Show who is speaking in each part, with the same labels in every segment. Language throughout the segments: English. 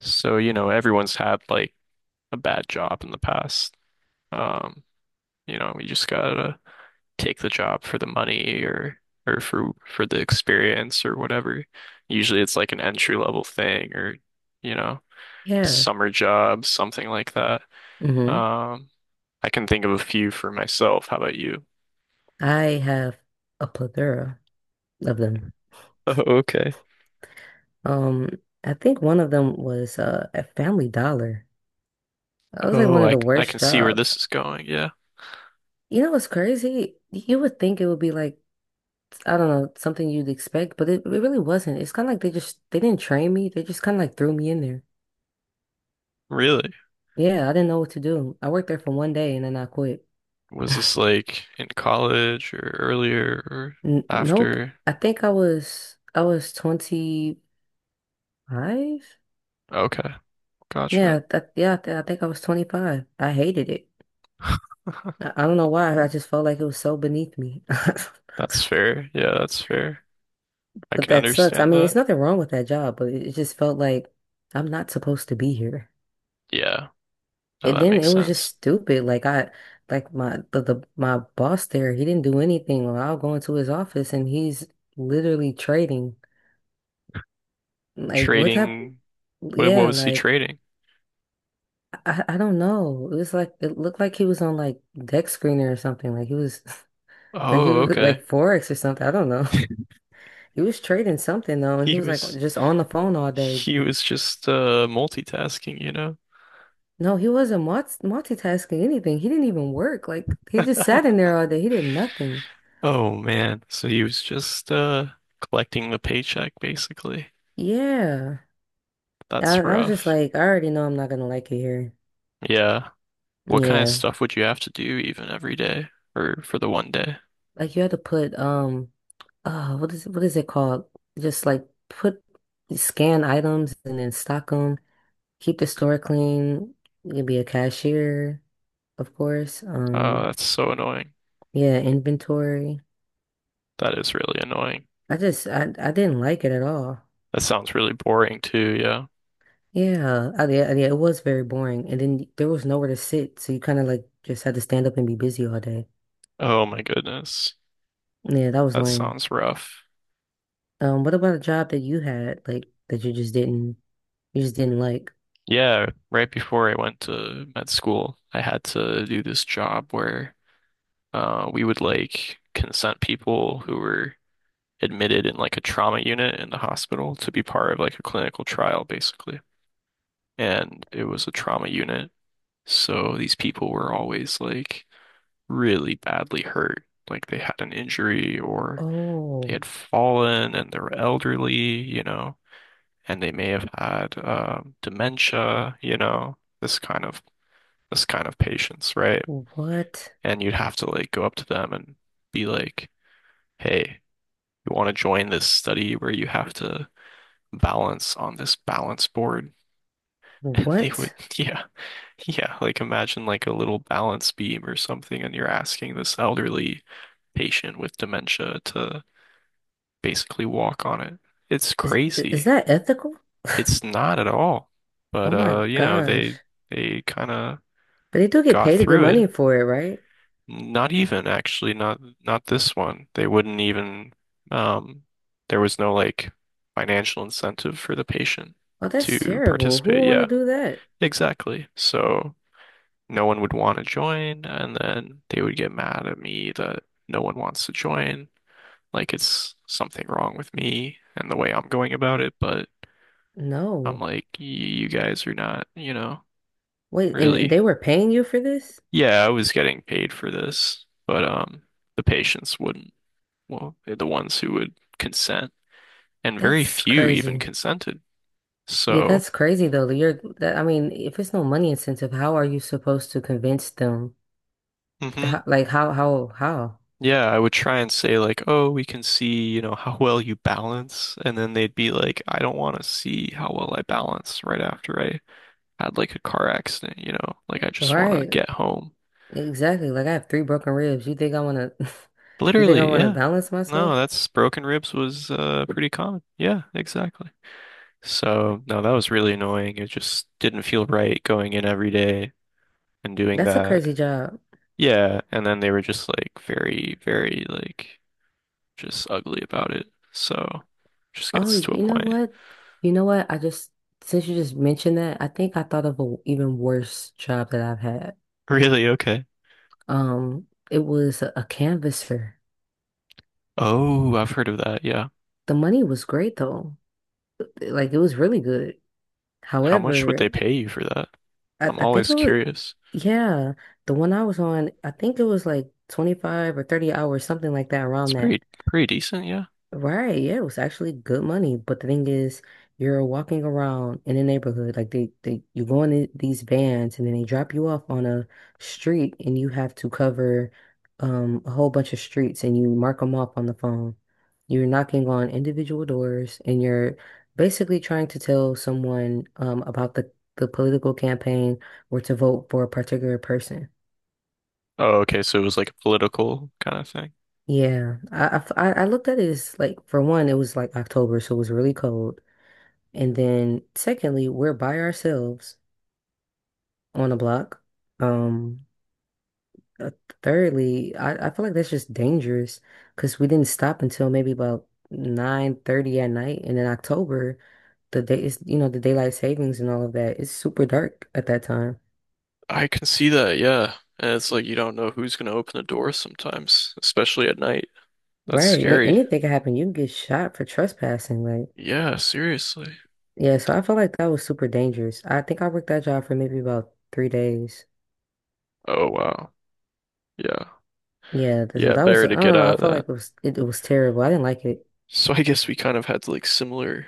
Speaker 1: So, everyone's had like a bad job in the past. Um, you just gotta take the job for the money or for the experience or whatever. Usually it's like an entry level thing or, you know,
Speaker 2: Yeah.
Speaker 1: summer job, something like that.
Speaker 2: hmm
Speaker 1: Um, I can think of a few for myself. How about you?
Speaker 2: I have a plethora of them.
Speaker 1: Oh, okay.
Speaker 2: Um, I think one of them was at Family Dollar. That was like one
Speaker 1: Oh,
Speaker 2: of the
Speaker 1: I can
Speaker 2: worst
Speaker 1: see where
Speaker 2: jobs.
Speaker 1: this is going. Yeah.
Speaker 2: You know what's crazy? You would think it would be like, I don't know, something you'd expect, but it really wasn't. It's kind of like they didn't train me. They just kind of like threw me in there.
Speaker 1: Really?
Speaker 2: Yeah, I didn't know what to do. I worked there for one day and then I quit.
Speaker 1: Was this like in college or earlier or
Speaker 2: N nope.
Speaker 1: after?
Speaker 2: I think I was 25.
Speaker 1: Okay.
Speaker 2: Yeah,
Speaker 1: Gotcha.
Speaker 2: that, yeah, I, th I think I was 25. I hated it. I don't know why. I just felt like it was so beneath me.
Speaker 1: That's fair. Yeah, that's fair. I
Speaker 2: But
Speaker 1: can
Speaker 2: that sucks. I
Speaker 1: understand
Speaker 2: mean, it's
Speaker 1: that.
Speaker 2: nothing wrong with that job, but it just felt like I'm not supposed to be here.
Speaker 1: Yeah. No,
Speaker 2: And
Speaker 1: that
Speaker 2: then it
Speaker 1: makes
Speaker 2: was just
Speaker 1: sense.
Speaker 2: stupid. Like my boss there, he didn't do anything. Well, I'll go into his office and he's literally trading. Like what type?
Speaker 1: Trading. What
Speaker 2: Yeah,
Speaker 1: was he
Speaker 2: like
Speaker 1: trading?
Speaker 2: I don't know. It was like it looked like he was on like deck screener or something. Like he was like he
Speaker 1: Oh,
Speaker 2: was
Speaker 1: okay.
Speaker 2: like Forex or something. I don't know. He was trading something though, and he
Speaker 1: He
Speaker 2: was like
Speaker 1: was
Speaker 2: just on the phone all day.
Speaker 1: he was just multitasking, you know?
Speaker 2: No, he wasn't multitasking anything. He didn't even work. Like he just sat in there all day. He did nothing.
Speaker 1: Oh man. So he was just collecting the paycheck basically.
Speaker 2: Yeah. I,
Speaker 1: That's
Speaker 2: I was just
Speaker 1: rough.
Speaker 2: like, I already know I'm not gonna like it here.
Speaker 1: Yeah. What kind of
Speaker 2: Yeah.
Speaker 1: stuff would you have to do even every day or for the one day?
Speaker 2: Like you had to put what is it called? Just like put scan items and then stock them, keep the store clean, you can be a cashier, of course.
Speaker 1: Oh, that's so annoying.
Speaker 2: Yeah, inventory.
Speaker 1: That is really annoying.
Speaker 2: I just I didn't like it at all.
Speaker 1: That sounds really boring too, yeah.
Speaker 2: Yeah, it was very boring. And then there was nowhere to sit, so you kind of like just had to stand up and be busy all day.
Speaker 1: Oh my goodness.
Speaker 2: Yeah, that was
Speaker 1: That
Speaker 2: lame.
Speaker 1: sounds rough.
Speaker 2: What about a job that you had, like that you just didn't like?
Speaker 1: Yeah, right before I went to med school, I had to do this job where we would like consent people who were admitted in like a trauma unit in the hospital to be part of like a clinical trial, basically. And it was a trauma unit. So these people were always like really badly hurt. Like they had an injury or they
Speaker 2: Oh,
Speaker 1: had fallen and they were elderly, you know, and they may have had dementia, you know, this kind of patients, right?
Speaker 2: what?
Speaker 1: And you'd have to like go up to them and be like, "Hey, you want to join this study where you have to balance on this balance board?" And they would,
Speaker 2: What?
Speaker 1: yeah, yeah, like imagine like a little balance beam or something, and you're asking this elderly patient with dementia to basically walk on it. It's
Speaker 2: Is
Speaker 1: crazy.
Speaker 2: that ethical?
Speaker 1: It's not at all.
Speaker 2: Oh
Speaker 1: But
Speaker 2: my
Speaker 1: you know,
Speaker 2: gosh.
Speaker 1: they kind of
Speaker 2: But they do get
Speaker 1: got
Speaker 2: paid a good
Speaker 1: through it.
Speaker 2: money for it, right?
Speaker 1: Not even actually, not this one. They wouldn't even um there was no like financial incentive for the patient
Speaker 2: Oh, that's
Speaker 1: to
Speaker 2: terrible. Who
Speaker 1: participate.
Speaker 2: would want to
Speaker 1: Yeah,
Speaker 2: do that?
Speaker 1: exactly. So no one would want to join and then they would get mad at me that no one wants to join. Like it's something wrong with me and the way I'm going about it, but I'm
Speaker 2: No.
Speaker 1: like, y you guys are not, you know,
Speaker 2: Wait, and
Speaker 1: really.
Speaker 2: they were paying you for this?
Speaker 1: Yeah, I was getting paid for this, but the patients wouldn't. Well, they're the ones who would consent, and very
Speaker 2: That's
Speaker 1: few even
Speaker 2: crazy.
Speaker 1: consented.
Speaker 2: Yeah,
Speaker 1: So,
Speaker 2: that's crazy though. That You're that I mean, if it's no money incentive, how are you supposed to convince them? To,
Speaker 1: hmm
Speaker 2: how, like how how?
Speaker 1: yeah, I would try and say like, "Oh, we can see, you know, how well you balance," and then they'd be like, "I don't want to see how well I balance right after I had like a car accident, you know, like I just want to
Speaker 2: Right.
Speaker 1: get home."
Speaker 2: Exactly. Like I have three broken ribs. You think I wanna you think I
Speaker 1: Literally,
Speaker 2: wanna
Speaker 1: yeah.
Speaker 2: balance
Speaker 1: No,
Speaker 2: myself?
Speaker 1: that's broken ribs was pretty common. Yeah, exactly. So, no, that was really annoying. It just didn't feel right going in every day and doing
Speaker 2: That's a
Speaker 1: that.
Speaker 2: crazy job.
Speaker 1: Yeah, and then they were just like very, very like just ugly about it. So, just
Speaker 2: Oh,
Speaker 1: gets to a
Speaker 2: you know
Speaker 1: point.
Speaker 2: what? You know what? I just Since you just mentioned that, I think I thought of a even worse job that I've had.
Speaker 1: Really? Okay.
Speaker 2: It was a canvasser.
Speaker 1: Oh, I've heard of that. Yeah.
Speaker 2: The money was great though. Like it was really good.
Speaker 1: How much would they
Speaker 2: However,
Speaker 1: pay you for that? I'm
Speaker 2: I think
Speaker 1: always
Speaker 2: it was,
Speaker 1: curious.
Speaker 2: yeah, the one I was on, I think it was like 25 or 30 hours, something like that,
Speaker 1: It's
Speaker 2: around that.
Speaker 1: pretty decent, yeah.
Speaker 2: Right, yeah, it was actually good money, but the thing is, you're walking around in the neighborhood, like you go in these vans, and then they drop you off on a street, and you have to cover, a whole bunch of streets, and you mark them off on the phone. You're knocking on individual doors, and you're basically trying to tell someone, about the political campaign or to vote for a particular person.
Speaker 1: Oh, okay, so it was like a political kind of thing.
Speaker 2: Yeah, I looked at it as like for one, it was like October, so it was really cold. And then secondly, we're by ourselves on a block. Um, uh, Thirdly, I feel like that's just dangerous because we didn't stop until maybe about 9:30 at night. And in October, the day is, the daylight savings and all of that. It's super dark at that time.
Speaker 1: I can see that, yeah. And it's like you don't know who's gonna open the door sometimes, especially at night. That's
Speaker 2: Right.
Speaker 1: scary.
Speaker 2: Anything can happen. You can get shot for trespassing. Like,
Speaker 1: Yeah, seriously.
Speaker 2: yeah, so I felt like that was super dangerous. I think I worked that job for maybe about 3 days.
Speaker 1: Oh wow. Yeah.
Speaker 2: Yeah, so
Speaker 1: Yeah,
Speaker 2: that was,
Speaker 1: better
Speaker 2: I
Speaker 1: to get
Speaker 2: don't know, I
Speaker 1: out of
Speaker 2: felt
Speaker 1: that.
Speaker 2: like it was terrible. I didn't like it.
Speaker 1: So I guess we kind of had like similar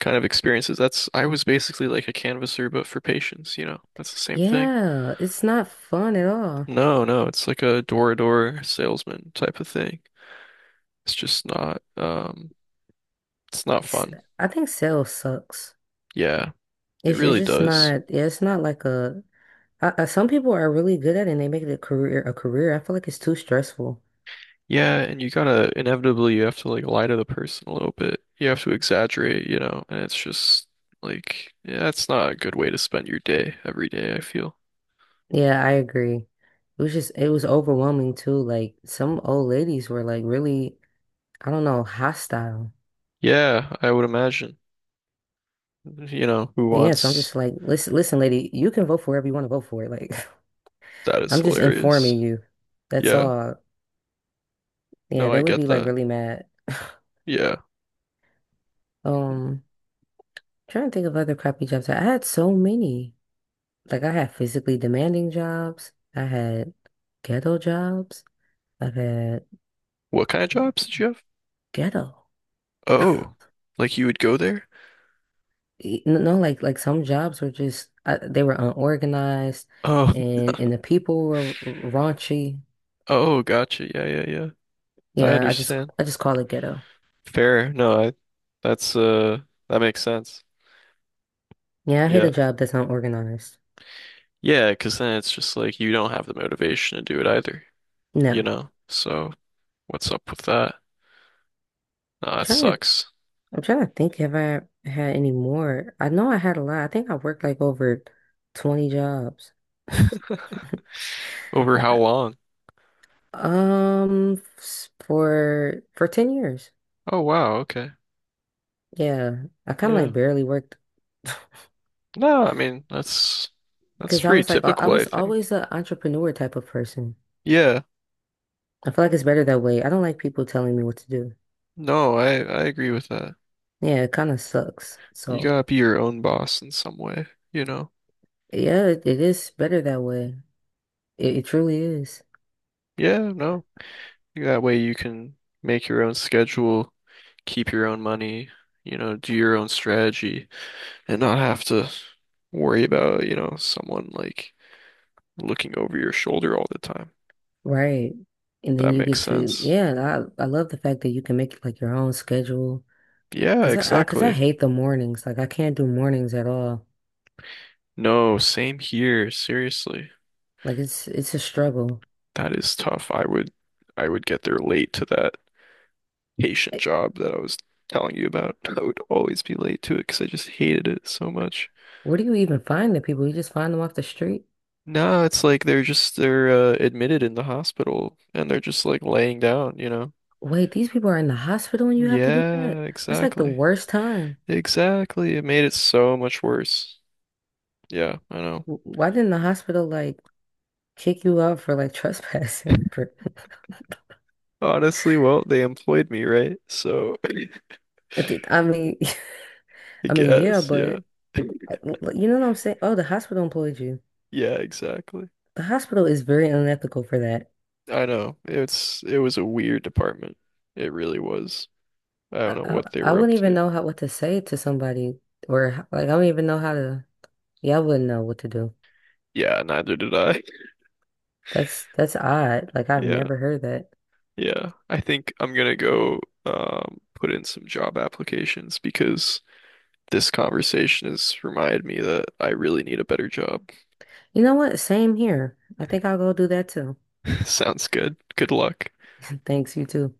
Speaker 1: kind of experiences. That's I was basically like a canvasser but for patients, you know. That's the same thing.
Speaker 2: Yeah, it's not fun at all.
Speaker 1: No, no, it's like a door-to-door salesman type of thing. It's just not it's not
Speaker 2: S
Speaker 1: fun.
Speaker 2: I think sales sucks.
Speaker 1: Yeah, it
Speaker 2: It's
Speaker 1: really
Speaker 2: just
Speaker 1: does.
Speaker 2: not. Yeah, it's not like a. Some people are really good at it and they make it a career. A career. I feel like it's too stressful.
Speaker 1: Yeah, and you gotta inevitably you have to like lie to the person a little bit. You have to exaggerate, you know, and it's just like yeah, that's not a good way to spend your day every day, I feel.
Speaker 2: Yeah, I agree. It was overwhelming too. Like some old ladies were like really, I don't know, hostile.
Speaker 1: Yeah, I would imagine. You know, who
Speaker 2: Yeah, so I'm
Speaker 1: wants
Speaker 2: just like, listen, listen, lady, you can vote for whoever you want to vote for. Like
Speaker 1: that is
Speaker 2: I'm just informing
Speaker 1: hilarious.
Speaker 2: you. That's
Speaker 1: Yeah.
Speaker 2: all. Yeah,
Speaker 1: No, I
Speaker 2: they would
Speaker 1: get
Speaker 2: be like
Speaker 1: that.
Speaker 2: really mad.
Speaker 1: Yeah.
Speaker 2: Um. Trying to think of other crappy jobs. I had so many. Like I had physically demanding jobs. I had ghetto jobs. I've had
Speaker 1: What kind of jobs did you have?
Speaker 2: ghetto.
Speaker 1: Oh, like you would go there?
Speaker 2: No, no, like some jobs were just they were unorganized,
Speaker 1: Oh,
Speaker 2: and the people were raunchy.
Speaker 1: oh, gotcha. Yeah, yeah, yeah. I
Speaker 2: Yeah, I just
Speaker 1: understand.
Speaker 2: I just call it ghetto.
Speaker 1: Fair. No, I that's that makes sense.
Speaker 2: Yeah, I hate
Speaker 1: Yeah.
Speaker 2: a job that's unorganized.
Speaker 1: Yeah, because then it's just like you don't have the motivation to do it either,
Speaker 2: No,
Speaker 1: you know? So what's up with that? Nah, that
Speaker 2: trying to
Speaker 1: sucks.
Speaker 2: I'm trying to think if I had any more. I know I had a lot. I think I worked like over 20 jobs.
Speaker 1: Over how
Speaker 2: I,
Speaker 1: long?
Speaker 2: S- for 10 years.
Speaker 1: Oh wow, okay.
Speaker 2: Yeah. I kind of
Speaker 1: Yeah.
Speaker 2: like barely worked
Speaker 1: No, I mean that's
Speaker 2: because I
Speaker 1: pretty
Speaker 2: was
Speaker 1: typical, I think.
Speaker 2: always an entrepreneur type of person.
Speaker 1: Yeah.
Speaker 2: I feel like it's better that way. I don't like people telling me what to do.
Speaker 1: No, I agree with that.
Speaker 2: Yeah, it kind of sucks.
Speaker 1: You
Speaker 2: So,
Speaker 1: gotta be your own boss in some way, you know?
Speaker 2: yeah, it is better that way. It truly is.
Speaker 1: Yeah, no. That way you can make your own schedule, keep your own money, you know, do your own strategy and not have to worry about, you know, someone like looking over your shoulder all the time.
Speaker 2: Right. And then
Speaker 1: That
Speaker 2: you
Speaker 1: makes
Speaker 2: get to,
Speaker 1: sense.
Speaker 2: yeah, and I love the fact that you can make like your own schedule
Speaker 1: Yeah,
Speaker 2: because I
Speaker 1: exactly.
Speaker 2: hate the mornings. Like I can't do mornings at all.
Speaker 1: No, same here. Seriously.
Speaker 2: Like it's a struggle.
Speaker 1: That is tough. I would get there late to that patient job that I was telling you about. I would always be late to it because I just hated it so much.
Speaker 2: Where do you even find the people? You just find them off the street?
Speaker 1: Nah, it's like they're admitted in the hospital and they're just like laying down, you know?
Speaker 2: Wait, these people are in the hospital and you have to do
Speaker 1: Yeah,
Speaker 2: that? That's like the
Speaker 1: exactly.
Speaker 2: worst time.
Speaker 1: Exactly. It made it so much worse. Yeah, I know.
Speaker 2: Why didn't the hospital like kick you out for like trespassing? For...
Speaker 1: Honestly, well, they employed me, right? So
Speaker 2: I mean,
Speaker 1: I
Speaker 2: I mean, yeah,
Speaker 1: guess, yeah.
Speaker 2: but you know what I'm saying? Oh, the hospital employed you.
Speaker 1: Yeah, exactly.
Speaker 2: The hospital is very unethical for that.
Speaker 1: I know. It was a weird department. It really was. I don't
Speaker 2: I,
Speaker 1: know
Speaker 2: I,
Speaker 1: what they
Speaker 2: I
Speaker 1: were up
Speaker 2: wouldn't even
Speaker 1: to.
Speaker 2: know how what to say to somebody or like I don't even know how to. Yeah, I wouldn't know what to do.
Speaker 1: Yeah, neither did I.
Speaker 2: That's odd. Like I've
Speaker 1: Yeah,
Speaker 2: never heard that.
Speaker 1: yeah. I think I'm gonna go put in some job applications because this conversation has reminded me that I really need a better job.
Speaker 2: You know what? Same here. I think I'll go do that too.
Speaker 1: Sounds good. Good luck.
Speaker 2: Thanks, you too.